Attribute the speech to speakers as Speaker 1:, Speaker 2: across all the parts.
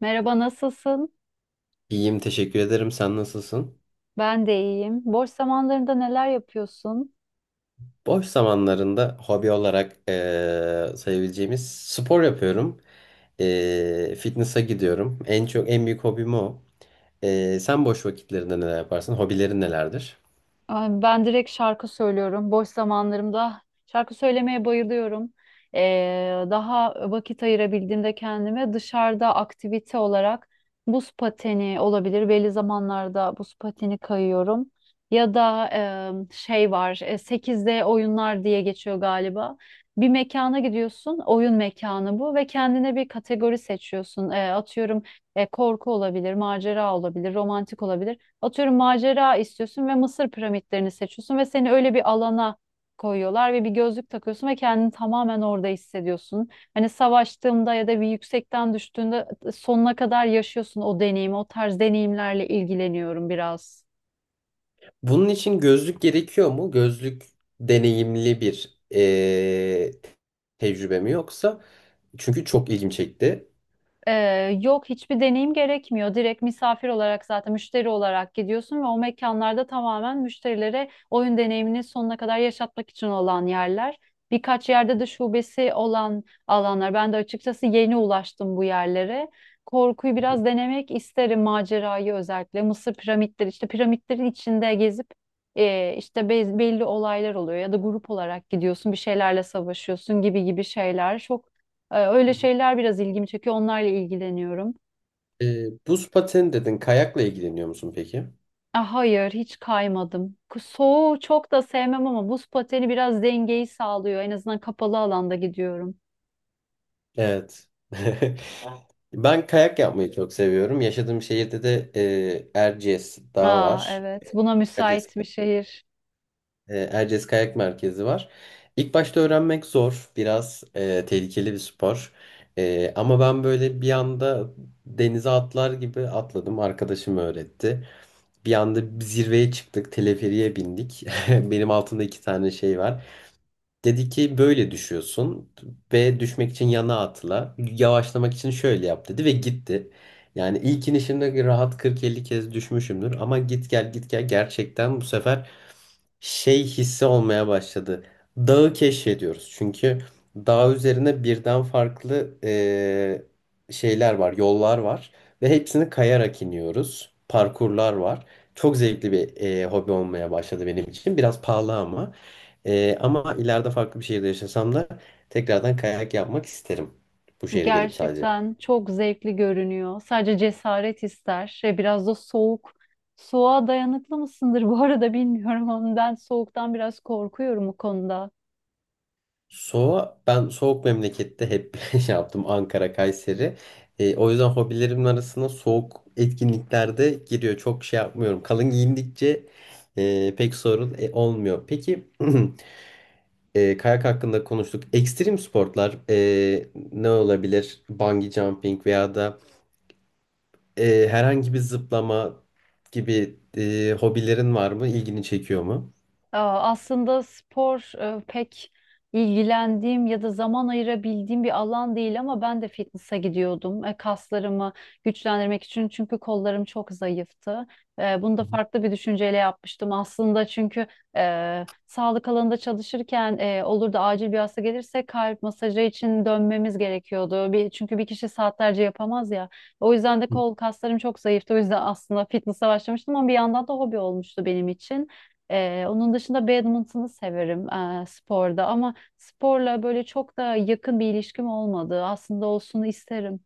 Speaker 1: Merhaba, nasılsın?
Speaker 2: İyiyim, teşekkür ederim. Sen nasılsın?
Speaker 1: Ben de iyiyim. Boş zamanlarında neler yapıyorsun?
Speaker 2: Boş zamanlarında hobi olarak sayabileceğimiz spor yapıyorum. Fitness'a gidiyorum. En çok en büyük hobim o. Sen boş vakitlerinde neler yaparsın? Hobilerin nelerdir?
Speaker 1: Ay, ben direkt şarkı söylüyorum. Boş zamanlarımda şarkı söylemeye bayılıyorum. Daha vakit ayırabildiğimde kendime dışarıda aktivite olarak buz pateni olabilir. Belli zamanlarda buz pateni kayıyorum. Ya da şey var, 8D oyunlar diye geçiyor galiba. Bir mekana gidiyorsun, oyun mekanı bu ve kendine bir kategori seçiyorsun. Atıyorum korku olabilir, macera olabilir, romantik olabilir. Atıyorum macera istiyorsun ve Mısır piramitlerini seçiyorsun ve seni öyle bir alana koyuyorlar ve bir gözlük takıyorsun ve kendini tamamen orada hissediyorsun. Hani savaştığında ya da bir yüksekten düştüğünde sonuna kadar yaşıyorsun o deneyimi. O tarz deneyimlerle ilgileniyorum biraz.
Speaker 2: Bunun için gözlük gerekiyor mu? Gözlük deneyimli bir tecrübe mi yoksa? Çünkü çok ilgim çekti.
Speaker 1: Yok, hiçbir deneyim gerekmiyor. Direkt misafir olarak, zaten müşteri olarak gidiyorsun ve o mekanlarda tamamen müşterilere oyun deneyimini sonuna kadar yaşatmak için olan yerler. Birkaç yerde de şubesi olan alanlar. Ben de açıkçası yeni ulaştım bu yerlere. Korkuyu biraz denemek isterim, macerayı özellikle. Mısır piramitleri işte, piramitlerin içinde gezip işte belli olaylar oluyor ya da grup olarak gidiyorsun, bir şeylerle savaşıyorsun gibi gibi şeyler. Çok öyle şeyler biraz ilgimi çekiyor. Onlarla ilgileniyorum.
Speaker 2: Buz pateni dedin. Kayakla ilgileniyor musun peki?
Speaker 1: Ah, hayır, hiç kaymadım. Soğuğu çok da sevmem ama buz pateni biraz dengeyi sağlıyor. En azından kapalı alanda gidiyorum.
Speaker 2: Evet. Ben kayak yapmayı çok seviyorum. Yaşadığım şehirde de Erciyes Dağı
Speaker 1: Aa,
Speaker 2: var.
Speaker 1: evet, buna
Speaker 2: Erciyes,
Speaker 1: müsait bir şehir.
Speaker 2: Erciyes Kayak Merkezi var. İlk başta öğrenmek zor. Biraz tehlikeli bir spor. Ama ben böyle bir anda denize atlar gibi atladım. Arkadaşım öğretti. Bir anda zirveye çıktık. Teleferiğe bindik. Benim altımda iki tane şey var. Dedi ki böyle düşüyorsun. B düşmek için yana atla. Yavaşlamak için şöyle yap dedi ve gitti. Yani ilk inişimde rahat 40-50 kez düşmüşümdür. Ama git gel git gel gerçekten bu sefer şey hissi olmaya başladı. Dağı keşfediyoruz. Çünkü dağ üzerine birden farklı şeyler var, yollar var ve hepsini kayarak iniyoruz. Parkurlar var. Çok zevkli bir hobi olmaya başladı benim için. Biraz pahalı ama ama ileride farklı bir şehirde yaşasam da tekrardan kayak yapmak isterim. Bu şehre gelip sadece.
Speaker 1: Gerçekten çok zevkli görünüyor. Sadece cesaret ister. Şey, biraz da soğuk. Soğuğa dayanıklı mısındır bu arada bilmiyorum ama ben soğuktan biraz korkuyorum o konuda.
Speaker 2: Soğuğa ben soğuk memlekette hep şey yaptım Ankara, Kayseri. O yüzden hobilerimin arasına soğuk etkinliklerde giriyor. Çok şey yapmıyorum. Kalın giyindikçe pek sorun olmuyor. Peki kayak hakkında konuştuk. Ekstrem sporlar ne olabilir? Bungee jumping veya da herhangi bir zıplama gibi hobilerin var mı? İlgini çekiyor mu?
Speaker 1: Aa, aslında spor pek ilgilendiğim ya da zaman ayırabildiğim bir alan değil ama ben de fitness'a gidiyordum. E, Kaslarımı güçlendirmek için, çünkü kollarım çok zayıftı. E, Bunu da
Speaker 2: Hı
Speaker 1: farklı bir düşünceyle yapmıştım aslında, çünkü sağlık alanında çalışırken olur da acil bir hasta gelirse kalp masajı için dönmemiz gerekiyordu. Bir, çünkü bir kişi saatlerce yapamaz ya. O yüzden de
Speaker 2: hı.
Speaker 1: kol kaslarım çok zayıftı. O yüzden aslında fitness'a başlamıştım ama bir yandan da hobi olmuştu benim için. Onun dışında badminton'u severim sporda ama sporla böyle çok da yakın bir ilişkim olmadı. Aslında olsun isterim.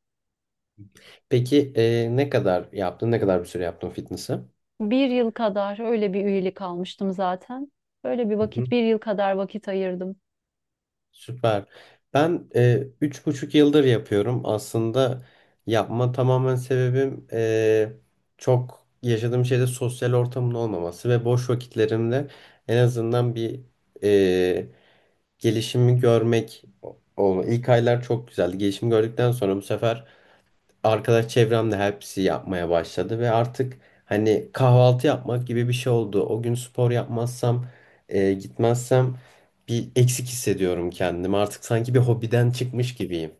Speaker 2: Peki ne kadar yaptın? Ne kadar bir süre yaptın fitness'ı?
Speaker 1: Bir yıl kadar öyle bir üyelik almıştım zaten. Böyle bir vakit, bir yıl kadar vakit ayırdım.
Speaker 2: Süper. Ben üç buçuk yıldır yapıyorum. Aslında yapma tamamen sebebim çok yaşadığım şeyde sosyal ortamın olmaması ve boş vakitlerimde en azından bir e, gelişimi görmek oldu. İlk aylar çok güzeldi. Gelişimi gördükten sonra bu sefer arkadaş çevremde hepsi yapmaya başladı ve artık hani kahvaltı yapmak gibi bir şey oldu. O gün spor yapmazsam, gitmezsem bir eksik hissediyorum kendimi. Artık sanki bir hobiden çıkmış gibiyim.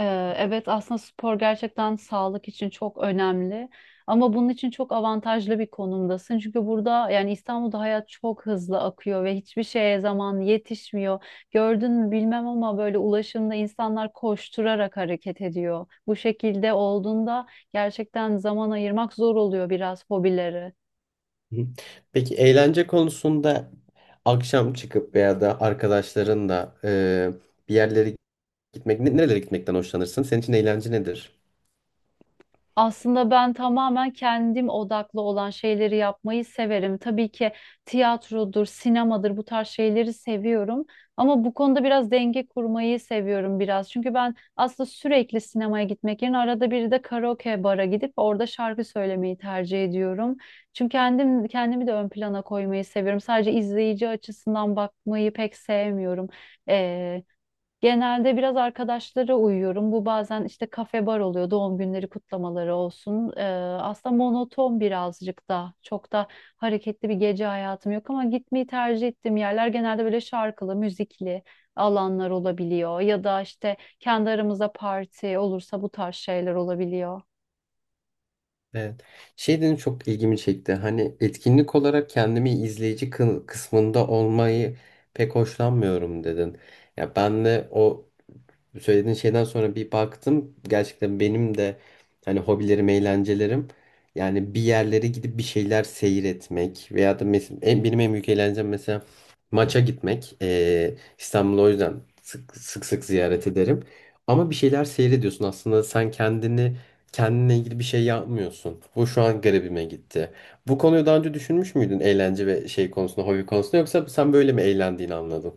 Speaker 1: Evet, aslında spor gerçekten sağlık için çok önemli ama bunun için çok avantajlı bir konumdasın. Çünkü burada, yani İstanbul'da hayat çok hızlı akıyor ve hiçbir şeye zaman yetişmiyor. Gördün mü bilmem ama böyle ulaşımda insanlar koşturarak hareket ediyor. Bu şekilde olduğunda gerçekten zaman ayırmak zor oluyor biraz hobileri.
Speaker 2: Hı. Peki eğlence konusunda akşam çıkıp veya da arkadaşlarınla bir yerlere gitmek, nerelere gitmekten hoşlanırsın? Senin için eğlence nedir?
Speaker 1: Aslında ben tamamen kendim odaklı olan şeyleri yapmayı severim. Tabii ki tiyatrodur, sinemadır, bu tarz şeyleri seviyorum. Ama bu konuda biraz denge kurmayı seviyorum biraz. Çünkü ben aslında sürekli sinemaya gitmek yerine arada bir de karaoke bara gidip orada şarkı söylemeyi tercih ediyorum. Çünkü kendim kendimi de ön plana koymayı seviyorum. Sadece izleyici açısından bakmayı pek sevmiyorum. Genelde biraz arkadaşlara uyuyorum. Bu bazen işte kafe bar oluyor, doğum günleri kutlamaları olsun. Aslında monoton birazcık da. Çok da hareketli bir gece hayatım yok ama gitmeyi tercih ettiğim yerler genelde böyle şarkılı, müzikli alanlar olabiliyor. Ya da işte kendi aramızda parti olursa bu tarz şeyler olabiliyor.
Speaker 2: Evet. Şey dedim çok ilgimi çekti. Hani etkinlik olarak kendimi izleyici kısmında olmayı pek hoşlanmıyorum dedin. Ya ben de o söylediğin şeyden sonra bir baktım. Gerçekten benim de hani hobilerim, eğlencelerim yani bir yerlere gidip bir şeyler seyretmek veya da benim en büyük eğlencem mesela maça gitmek. İstanbul'u o yüzden sık ziyaret ederim. Ama bir şeyler seyrediyorsun aslında sen kendini kendine ilgili bir şey yapmıyorsun. Bu şu an garibime gitti. Bu konuyu daha önce düşünmüş müydün eğlence ve şey konusunda, hobi konusunda yoksa sen böyle mi eğlendiğini anladın?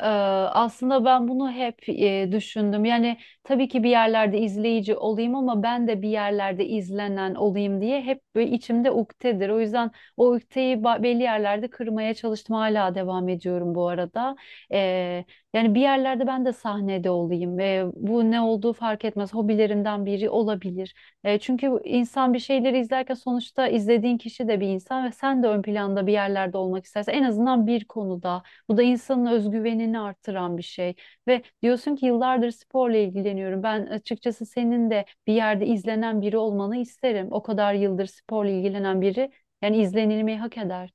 Speaker 1: Ee, Aslında ben bunu hep düşündüm. Yani tabii ki bir yerlerde izleyici olayım ama ben de bir yerlerde izlenen olayım diye hep böyle içimde ukdedir. O yüzden o ukdeyi belli yerlerde kırmaya çalıştım. Hala devam ediyorum bu arada. Ee, Yani bir yerlerde ben de sahnede olayım. Bu ne olduğu fark etmez. Hobilerimden biri olabilir. Çünkü insan bir şeyleri izlerken, sonuçta izlediğin kişi de bir insan ve sen de ön planda bir yerlerde olmak istersen en azından bir konuda. Bu da insanın özgüvenini artıran bir şey. Ve diyorsun ki yıllardır sporla ilgileniyorum. Ben açıkçası senin de bir yerde izlenen biri olmanı isterim. O kadar yıldır sporla ilgilenen biri yani izlenilmeyi hak eder.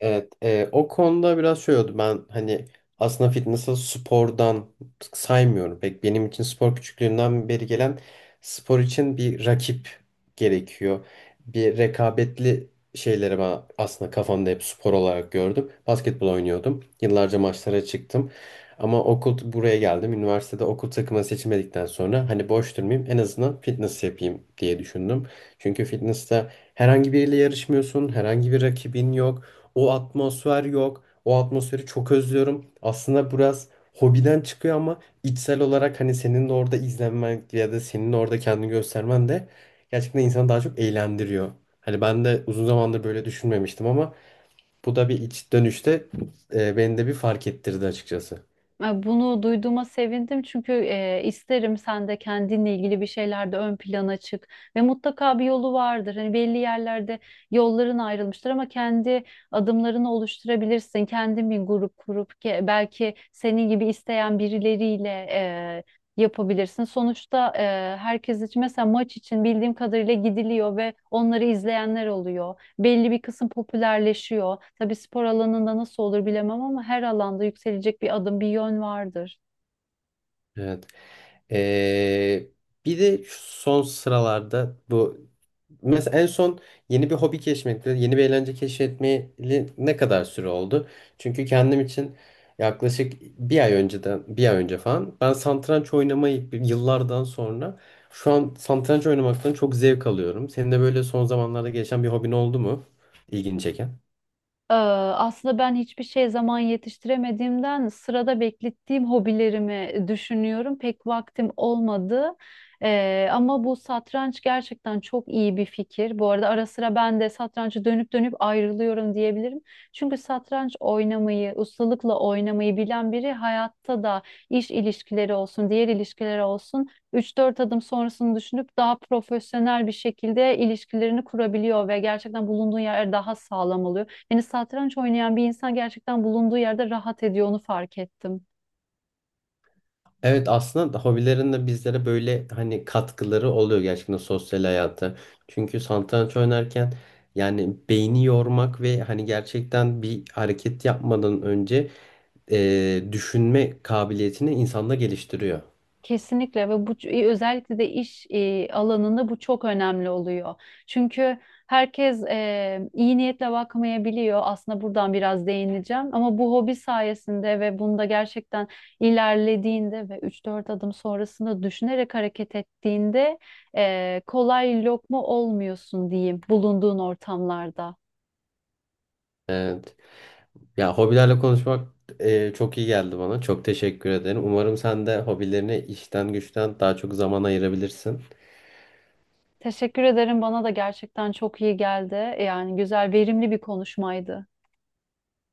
Speaker 2: Evet, o konuda biraz şey oldu. Ben hani aslında fitness'ı spordan saymıyorum. Pek benim için spor küçüklüğümden beri gelen spor için bir rakip gerekiyor. Bir rekabetli şeyleri ben aslında kafamda hep spor olarak gördüm. Basketbol oynuyordum. Yıllarca maçlara çıktım. Ama okul buraya geldim. Üniversitede okul takımı seçmedikten sonra hani boş durmayayım en azından fitness yapayım diye düşündüm. Çünkü fitness'te herhangi biriyle yarışmıyorsun. Herhangi bir rakibin yok. O atmosfer yok. O atmosferi çok özlüyorum. Aslında biraz hobiden çıkıyor ama içsel olarak hani senin de orada izlenmen ya da senin orada kendini göstermen de gerçekten insanı daha çok eğlendiriyor. Hani ben de uzun zamandır böyle düşünmemiştim ama bu da bir iç dönüşte beni de bir fark ettirdi açıkçası.
Speaker 1: E, Bunu duyduğuma sevindim, çünkü isterim sen de kendinle ilgili bir şeylerde ön plana çık ve mutlaka bir yolu vardır. Hani belli yerlerde yolların ayrılmıştır ama kendi adımlarını oluşturabilirsin. Kendin bir grup kurup belki senin gibi isteyen birileriyle yapabilirsin. Sonuçta herkes için mesela maç için bildiğim kadarıyla gidiliyor ve onları izleyenler oluyor, belli bir kısım popülerleşiyor. Tabii spor alanında nasıl olur bilemem ama her alanda yükselecek bir adım, bir yön vardır.
Speaker 2: Evet. Ee, Bir de şu son sıralarda bu mesela en son yeni bir hobi keşfetmekle yeni bir eğlence keşfetmeli ne kadar süre oldu? Çünkü kendim için yaklaşık bir ay önceden bir ay önce falan ben satranç oynamayı yıllardan sonra şu an satranç oynamaktan çok zevk alıyorum. Senin de böyle son zamanlarda gelişen bir hobin oldu mu? İlgini çeken?
Speaker 1: Aslında ben hiçbir şey zaman yetiştiremediğimden sırada beklettiğim hobilerimi düşünüyorum. Pek vaktim olmadı. Ama bu satranç gerçekten çok iyi bir fikir. Bu arada ara sıra ben de satrançı dönüp dönüp ayrılıyorum diyebilirim. Çünkü satranç oynamayı, ustalıkla oynamayı bilen biri hayatta da iş ilişkileri olsun, diğer ilişkiler olsun üç dört adım sonrasını düşünüp daha profesyonel bir şekilde ilişkilerini kurabiliyor ve gerçekten bulunduğun yer daha sağlam oluyor. Hani satranç oynayan bir insan gerçekten bulunduğu yerde rahat ediyor, onu fark ettim.
Speaker 2: Evet aslında hobilerin de bizlere böyle hani katkıları oluyor gerçekten sosyal hayata. Çünkü satranç oynarken yani beyni yormak ve hani gerçekten bir hareket yapmadan önce düşünme kabiliyetini insanda geliştiriyor.
Speaker 1: Kesinlikle, ve bu özellikle de iş alanında bu çok önemli oluyor. Çünkü herkes iyi niyetle bakmayabiliyor. Aslında buradan biraz değineceğim ama bu hobi sayesinde ve bunda gerçekten ilerlediğinde ve üç dört adım sonrasında düşünerek hareket ettiğinde kolay lokma olmuyorsun diyeyim, bulunduğun ortamlarda.
Speaker 2: Evet. Ya hobilerle konuşmak çok iyi geldi bana. Çok teşekkür ederim. Umarım sen de hobilerine işten güçten daha çok zaman ayırabilirsin.
Speaker 1: Teşekkür ederim. Bana da gerçekten çok iyi geldi. Yani güzel, verimli bir konuşmaydı.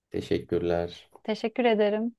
Speaker 2: Teşekkürler.
Speaker 1: Teşekkür ederim.